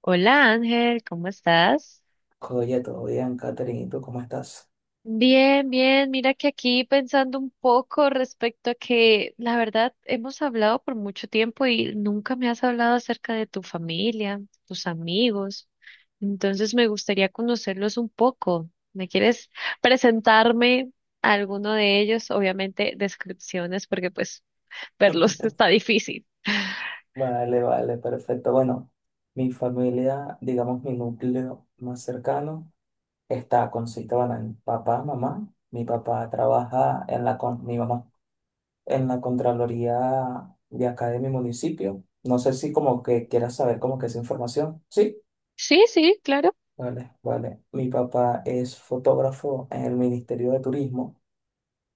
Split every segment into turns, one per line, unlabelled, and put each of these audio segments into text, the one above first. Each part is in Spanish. Hola Ángel, ¿cómo estás?
Oye, todo bien, Catherine, ¿y tú cómo estás?
Bien, bien, mira que aquí pensando un poco respecto a que la verdad hemos hablado por mucho tiempo y nunca me has hablado acerca de tu familia, tus amigos, entonces me gustaría conocerlos un poco. ¿Me quieres presentarme a alguno de ellos? Obviamente descripciones porque pues verlos está difícil.
Vale, vale, perfecto. Bueno, mi familia, digamos mi núcleo más cercano, está consiste, bueno, en papá, mamá. Mi papá trabaja en la, mi mamá, en la Contraloría de acá de mi municipio. No sé si como que quieras saber como que esa información. Sí,
Sí, sí, claro.
vale, vale. Mi papá es fotógrafo en el Ministerio de Turismo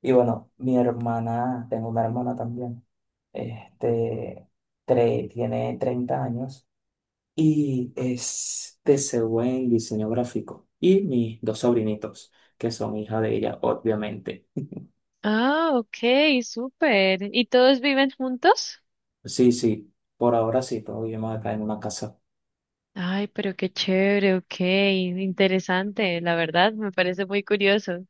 y bueno, mi hermana, tengo una hermana también. Este, tiene 30 años y es TCU en diseño gráfico. Y mis dos sobrinitos, que son hija de ella, obviamente.
Ah, ok, súper. ¿Y todos viven juntos?
Sí, sí, por ahora sí, todos vivimos acá en una casa.
Ay, pero qué chévere, ok, interesante, la verdad, me parece muy curioso.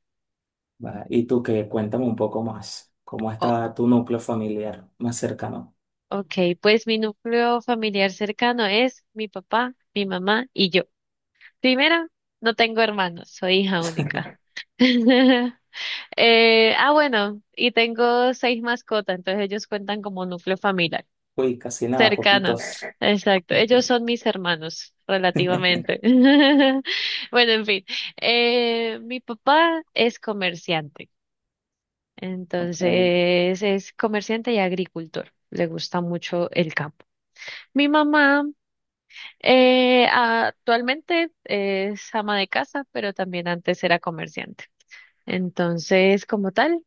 ¿Verdad? Y tú que cuéntame un poco más, ¿cómo
Oh,
está tu núcleo familiar más cercano?
ok, pues mi núcleo familiar cercano es mi papá, mi mamá y yo. Primero, no tengo hermanos, soy hija única. Bueno, y tengo seis mascotas, entonces ellos cuentan como núcleo familiar
Uy, casi nada,
cercano.
poquitos.
Exacto, ellos son mis hermanos, relativamente. Bueno, en fin, mi papá es comerciante.
Ok,
Entonces es comerciante y agricultor. Le gusta mucho el campo. Mi mamá actualmente es ama de casa, pero también antes era comerciante. Entonces, como tal,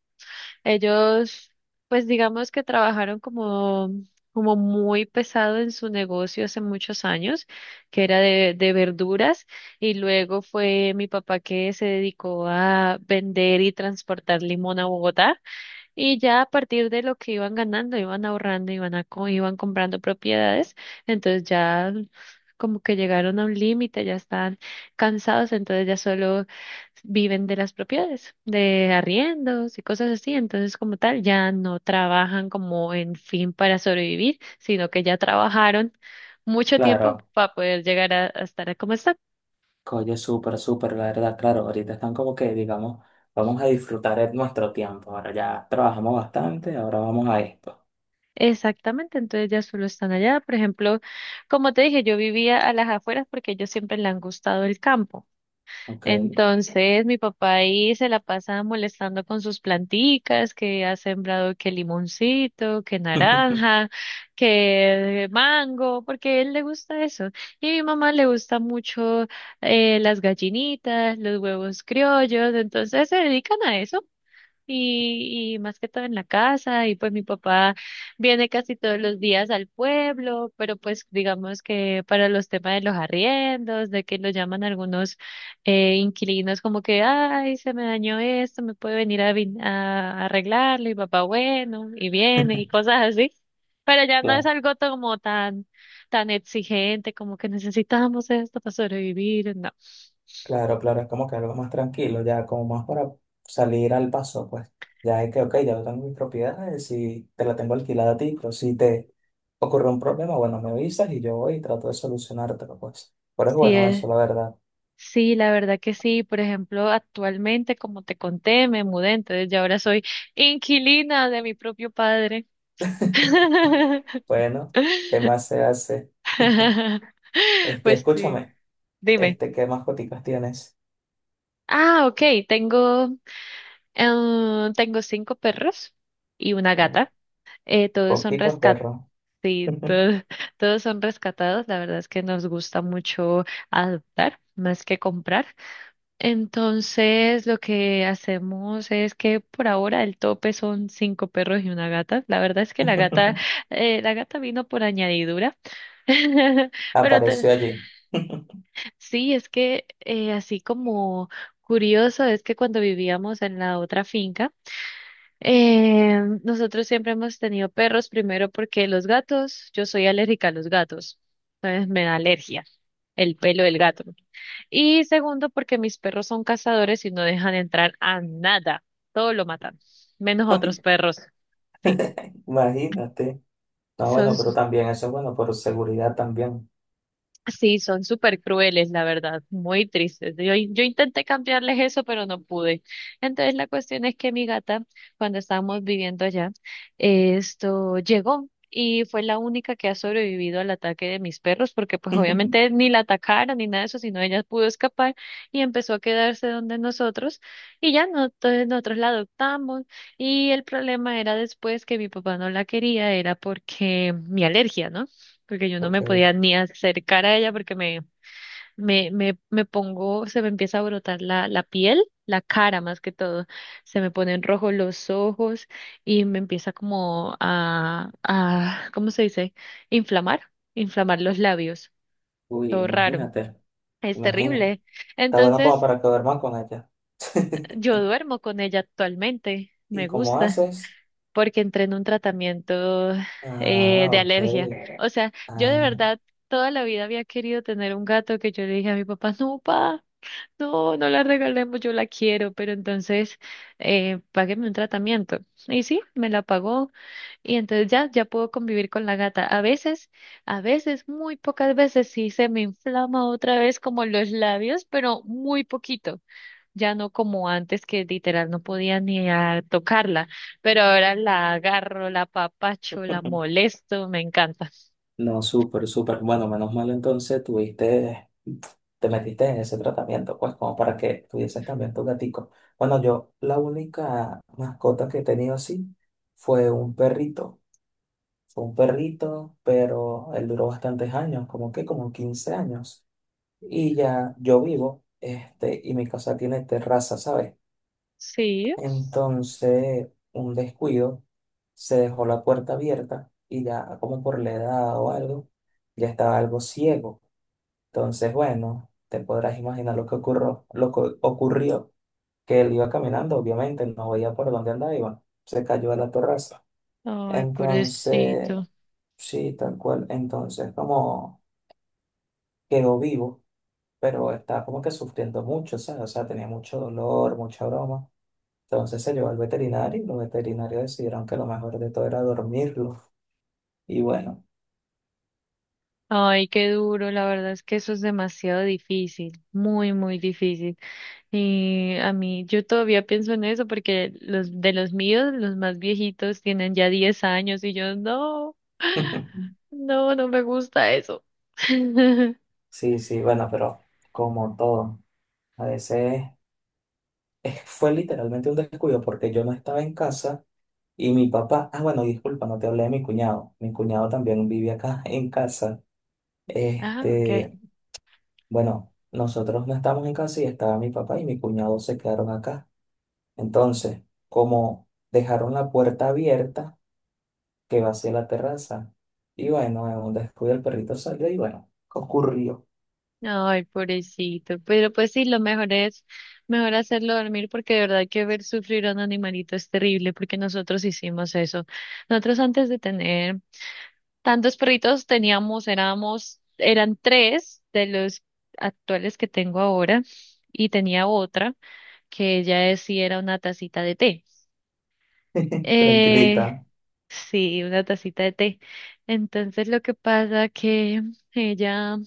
ellos, pues digamos que trabajaron como muy pesado en su negocio hace muchos años, que era de verduras, y luego fue mi papá que se dedicó a vender y transportar limón a Bogotá y ya a partir de lo que iban ganando, iban ahorrando, iban comprando propiedades, entonces ya como que llegaron a un límite, ya están cansados, entonces ya solo viven de las propiedades, de arriendos y cosas así, entonces como tal ya no trabajan como en fin para sobrevivir, sino que ya trabajaron mucho tiempo
claro.
para poder llegar a estar como están.
Oye, súper, súper, la verdad, claro, ahorita están como que, digamos, vamos a disfrutar de nuestro tiempo. Ahora ya trabajamos bastante, ahora vamos a esto,
Exactamente, entonces ya solo están allá. Por ejemplo, como te dije, yo vivía a las afueras porque a ellos siempre le han gustado el campo.
¿ok?
Entonces, mi papá ahí se la pasa molestando con sus planticas, que ha sembrado que limoncito, que naranja, que mango, porque a él le gusta eso. Y a mi mamá le gusta mucho las gallinitas, los huevos criollos, entonces se dedican a eso y más que todo en la casa, y pues mi papá viene casi todos los días al pueblo, pero pues digamos que para los temas de los arriendos, de que lo llaman algunos inquilinos como que, ay, se me dañó esto, me puede venir a arreglarlo, y papá, bueno, y viene, y cosas así. Pero ya no es
Claro,
algo como tan, tan exigente, como que necesitamos esto para sobrevivir, no.
claro, claro, es como que algo más tranquilo, ya como más para salir al paso, pues. Ya es que, ok, ya yo tengo mis propiedades y te la tengo alquilada a ti, pero si te ocurre un problema, bueno, me avisas y yo voy y trato de solucionártelo, pues. Pero es bueno
Sí,
eso, la verdad.
Sí, la verdad que sí. Por ejemplo, actualmente, como te conté, me mudé, entonces ya ahora soy inquilina de mi propio padre.
Bueno, ¿qué más se hace? Este,
Pues sí,
escúchame,
dime.
este, ¿qué mascoticas tienes?
Ah, ok, tengo, tengo cinco perros y una gata. Todos son
Poquitos
rescatados,
perros.
todos, todos son rescatados. La verdad es que nos gusta mucho adoptar más que comprar. Entonces, lo que hacemos es que por ahora el tope son cinco perros y una gata. La verdad es que la gata vino por añadidura. Pero te-
Apareció allí.
sí, es que así como curioso es que cuando vivíamos en la otra finca, nosotros siempre hemos tenido perros, primero porque los gatos, yo soy alérgica a los gatos, entonces me da alergia el pelo del gato. Y segundo, porque mis perros son cazadores y no dejan entrar a nada. Todo lo matan, menos otros
Ay,
perros. Sí,
imagínate. No,
son
bueno, pero también eso es bueno, por seguridad también.
Sí, son súper crueles, la verdad, muy tristes. Yo intenté cambiarles eso, pero no pude. Entonces la cuestión es que mi gata, cuando estábamos viviendo allá, esto llegó y fue la única que ha sobrevivido al ataque de mis perros, porque pues obviamente ni la atacaron ni nada de eso, sino ella pudo escapar y empezó a quedarse donde nosotros y ya no, entonces nosotros la adoptamos y el problema era después que mi papá no la quería, era porque mi alergia, ¿no? Porque yo no me
Porque,
podía ni acercar a ella porque me pongo, se me empieza a brotar la piel, la cara más que todo, se me ponen rojos los ojos y me empieza como ¿cómo se dice? Inflamar, inflamar los labios,
uy,
todo raro,
imagínate,
es
imagínate.
terrible.
Está bueno como
Entonces,
para que duerman con ella.
yo duermo con ella actualmente,
¿Y
me
cómo
gusta.
haces?
Porque entré en un tratamiento
Ah,
de
ok.
alergia. O sea, yo de
Ah.
verdad toda la vida había querido tener un gato que yo le dije a mi papá, no, papá, no la regalemos, yo la quiero, pero entonces págueme un tratamiento. Y sí, me la pagó y entonces ya puedo convivir con la gata. A veces, muy pocas veces sí se me inflama otra vez como los labios, pero muy poquito ya no como antes que literal no podía ni a tocarla, pero ahora la agarro, la apapacho, la molesto, me encanta.
No, súper, súper. Bueno, menos mal entonces tuviste, te metiste en ese tratamiento, pues, como para que tuvieses también tu gatico. Bueno, yo la única mascota que he tenido así fue un perrito. Fue un perrito, pero él duró bastantes años, como que como 15 años. Y ya yo vivo, este, y mi casa tiene terraza, ¿sabes?
Sí,
Entonces, un descuido, se dejó la puerta abierta y ya como por la edad o algo, ya estaba algo ciego. Entonces, bueno, te podrás imaginar lo que ocurrió, que él iba caminando, obviamente, no veía por dónde andaba, iba, se cayó a la terraza.
ay,
Entonces,
pobrecito.
sí, tal cual, entonces como quedó vivo, pero estaba como que sufriendo mucho, ¿sabes? O sea, tenía mucho dolor, mucha broma. Entonces se llevó al veterinario y los veterinarios decidieron que lo mejor de todo era dormirlo. Y bueno,
Ay, qué duro, la verdad es que eso es demasiado difícil, muy, muy difícil. Y a mí, yo todavía pienso en eso porque los de los míos, los más viejitos tienen ya 10 años y yo no, no me gusta eso.
sí, sí, bueno, pero como todo, a veces fue literalmente un descuido porque yo no estaba en casa y mi papá, ah, bueno, disculpa, no te hablé de mi cuñado. Mi cuñado también vive acá en casa.
Ah, ok.
Este, bueno, nosotros no estamos en casa y estaba mi papá y mi cuñado se quedaron acá. Entonces, como dejaron la puerta abierta, que vacié la terraza. Y bueno, en un descuido el perrito salió y bueno, ocurrió.
Ay, pobrecito. Pero pues sí, lo mejor es, mejor hacerlo dormir porque de verdad que ver sufrir a un animalito es terrible porque nosotros hicimos eso. Nosotros antes de tener tantos perritos teníamos, éramos, eran tres de los actuales que tengo ahora y tenía otra que sí era una tacita de té. Eh,
Tranquilita.
sí, una tacita de té. Entonces lo que pasa que ella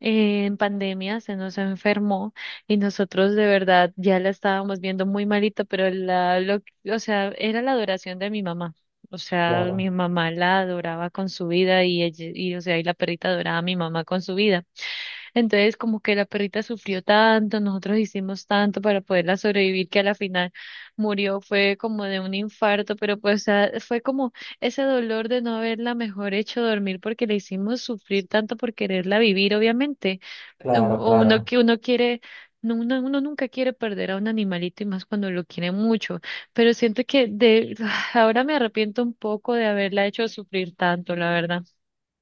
en pandemia se nos enfermó y nosotros de verdad ya la estábamos viendo muy malita, o sea, era la adoración de mi mamá. O sea, mi
Claro,
mamá la adoraba con su vida y o sea, y la perrita adoraba a mi mamá con su vida. Entonces, como que la perrita sufrió tanto, nosotros hicimos tanto para poderla sobrevivir que a la final murió, fue como de un infarto, pero pues, o sea, fue como ese dolor de no haberla mejor hecho dormir porque le hicimos sufrir tanto por quererla vivir, obviamente
claro,
o uno
claro.
que uno quiere, no, uno nunca quiere perder a un animalito y más cuando lo quiere mucho, pero siento que de ahora me arrepiento un poco de haberla hecho sufrir tanto, la verdad.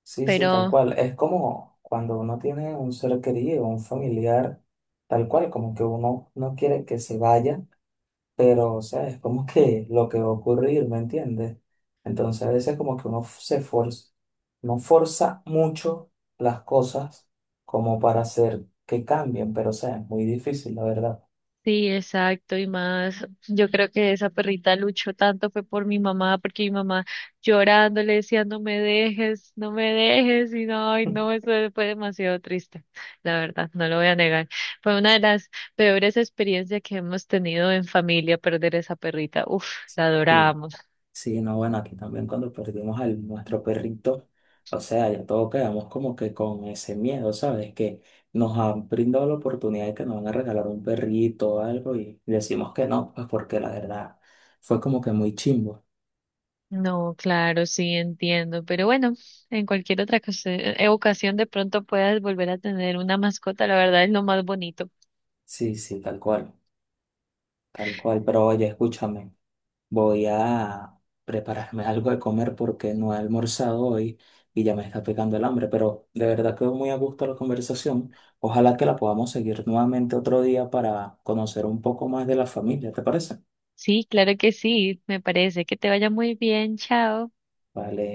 Sí, sí, tal
Pero
cual. Es como cuando uno tiene un ser querido, un familiar, tal cual, como que uno no quiere que se vaya, pero o sea, es como que lo que va a ocurrir, ¿me entiendes? Entonces a veces como que se forza, no forza mucho las cosas como para hacer que cambien, pero o sea, es muy difícil, la verdad.
sí, exacto, y más, yo creo que esa perrita luchó tanto fue por mi mamá, porque mi mamá llorando le decía, no me dejes, no me dejes, y no, ay, no, eso fue demasiado triste, la verdad, no lo voy a negar. Fue una de las peores experiencias que hemos tenido en familia, perder esa perrita, uf, la
Sí.
adorábamos.
Sí, no, bueno, aquí también cuando perdimos a nuestro perrito, o sea, ya todos quedamos como que con ese miedo, ¿sabes? Que nos han brindado la oportunidad de que nos van a regalar un perrito o algo y decimos que no, pues porque la verdad fue como que muy chimbo.
No, claro, sí, entiendo, pero bueno, en cualquier ocasión de pronto puedas volver a tener una mascota, la verdad es lo más bonito.
Sí, sí, tal cual, tal cual. Pero oye, escúchame. Voy a prepararme algo de comer porque no he almorzado hoy y ya me está pegando el hambre, pero de verdad quedó muy a gusto la conversación. Ojalá que la podamos seguir nuevamente otro día para conocer un poco más de la familia, ¿te parece?
Sí, claro que sí, me parece que te vaya muy bien, chao.
Vale.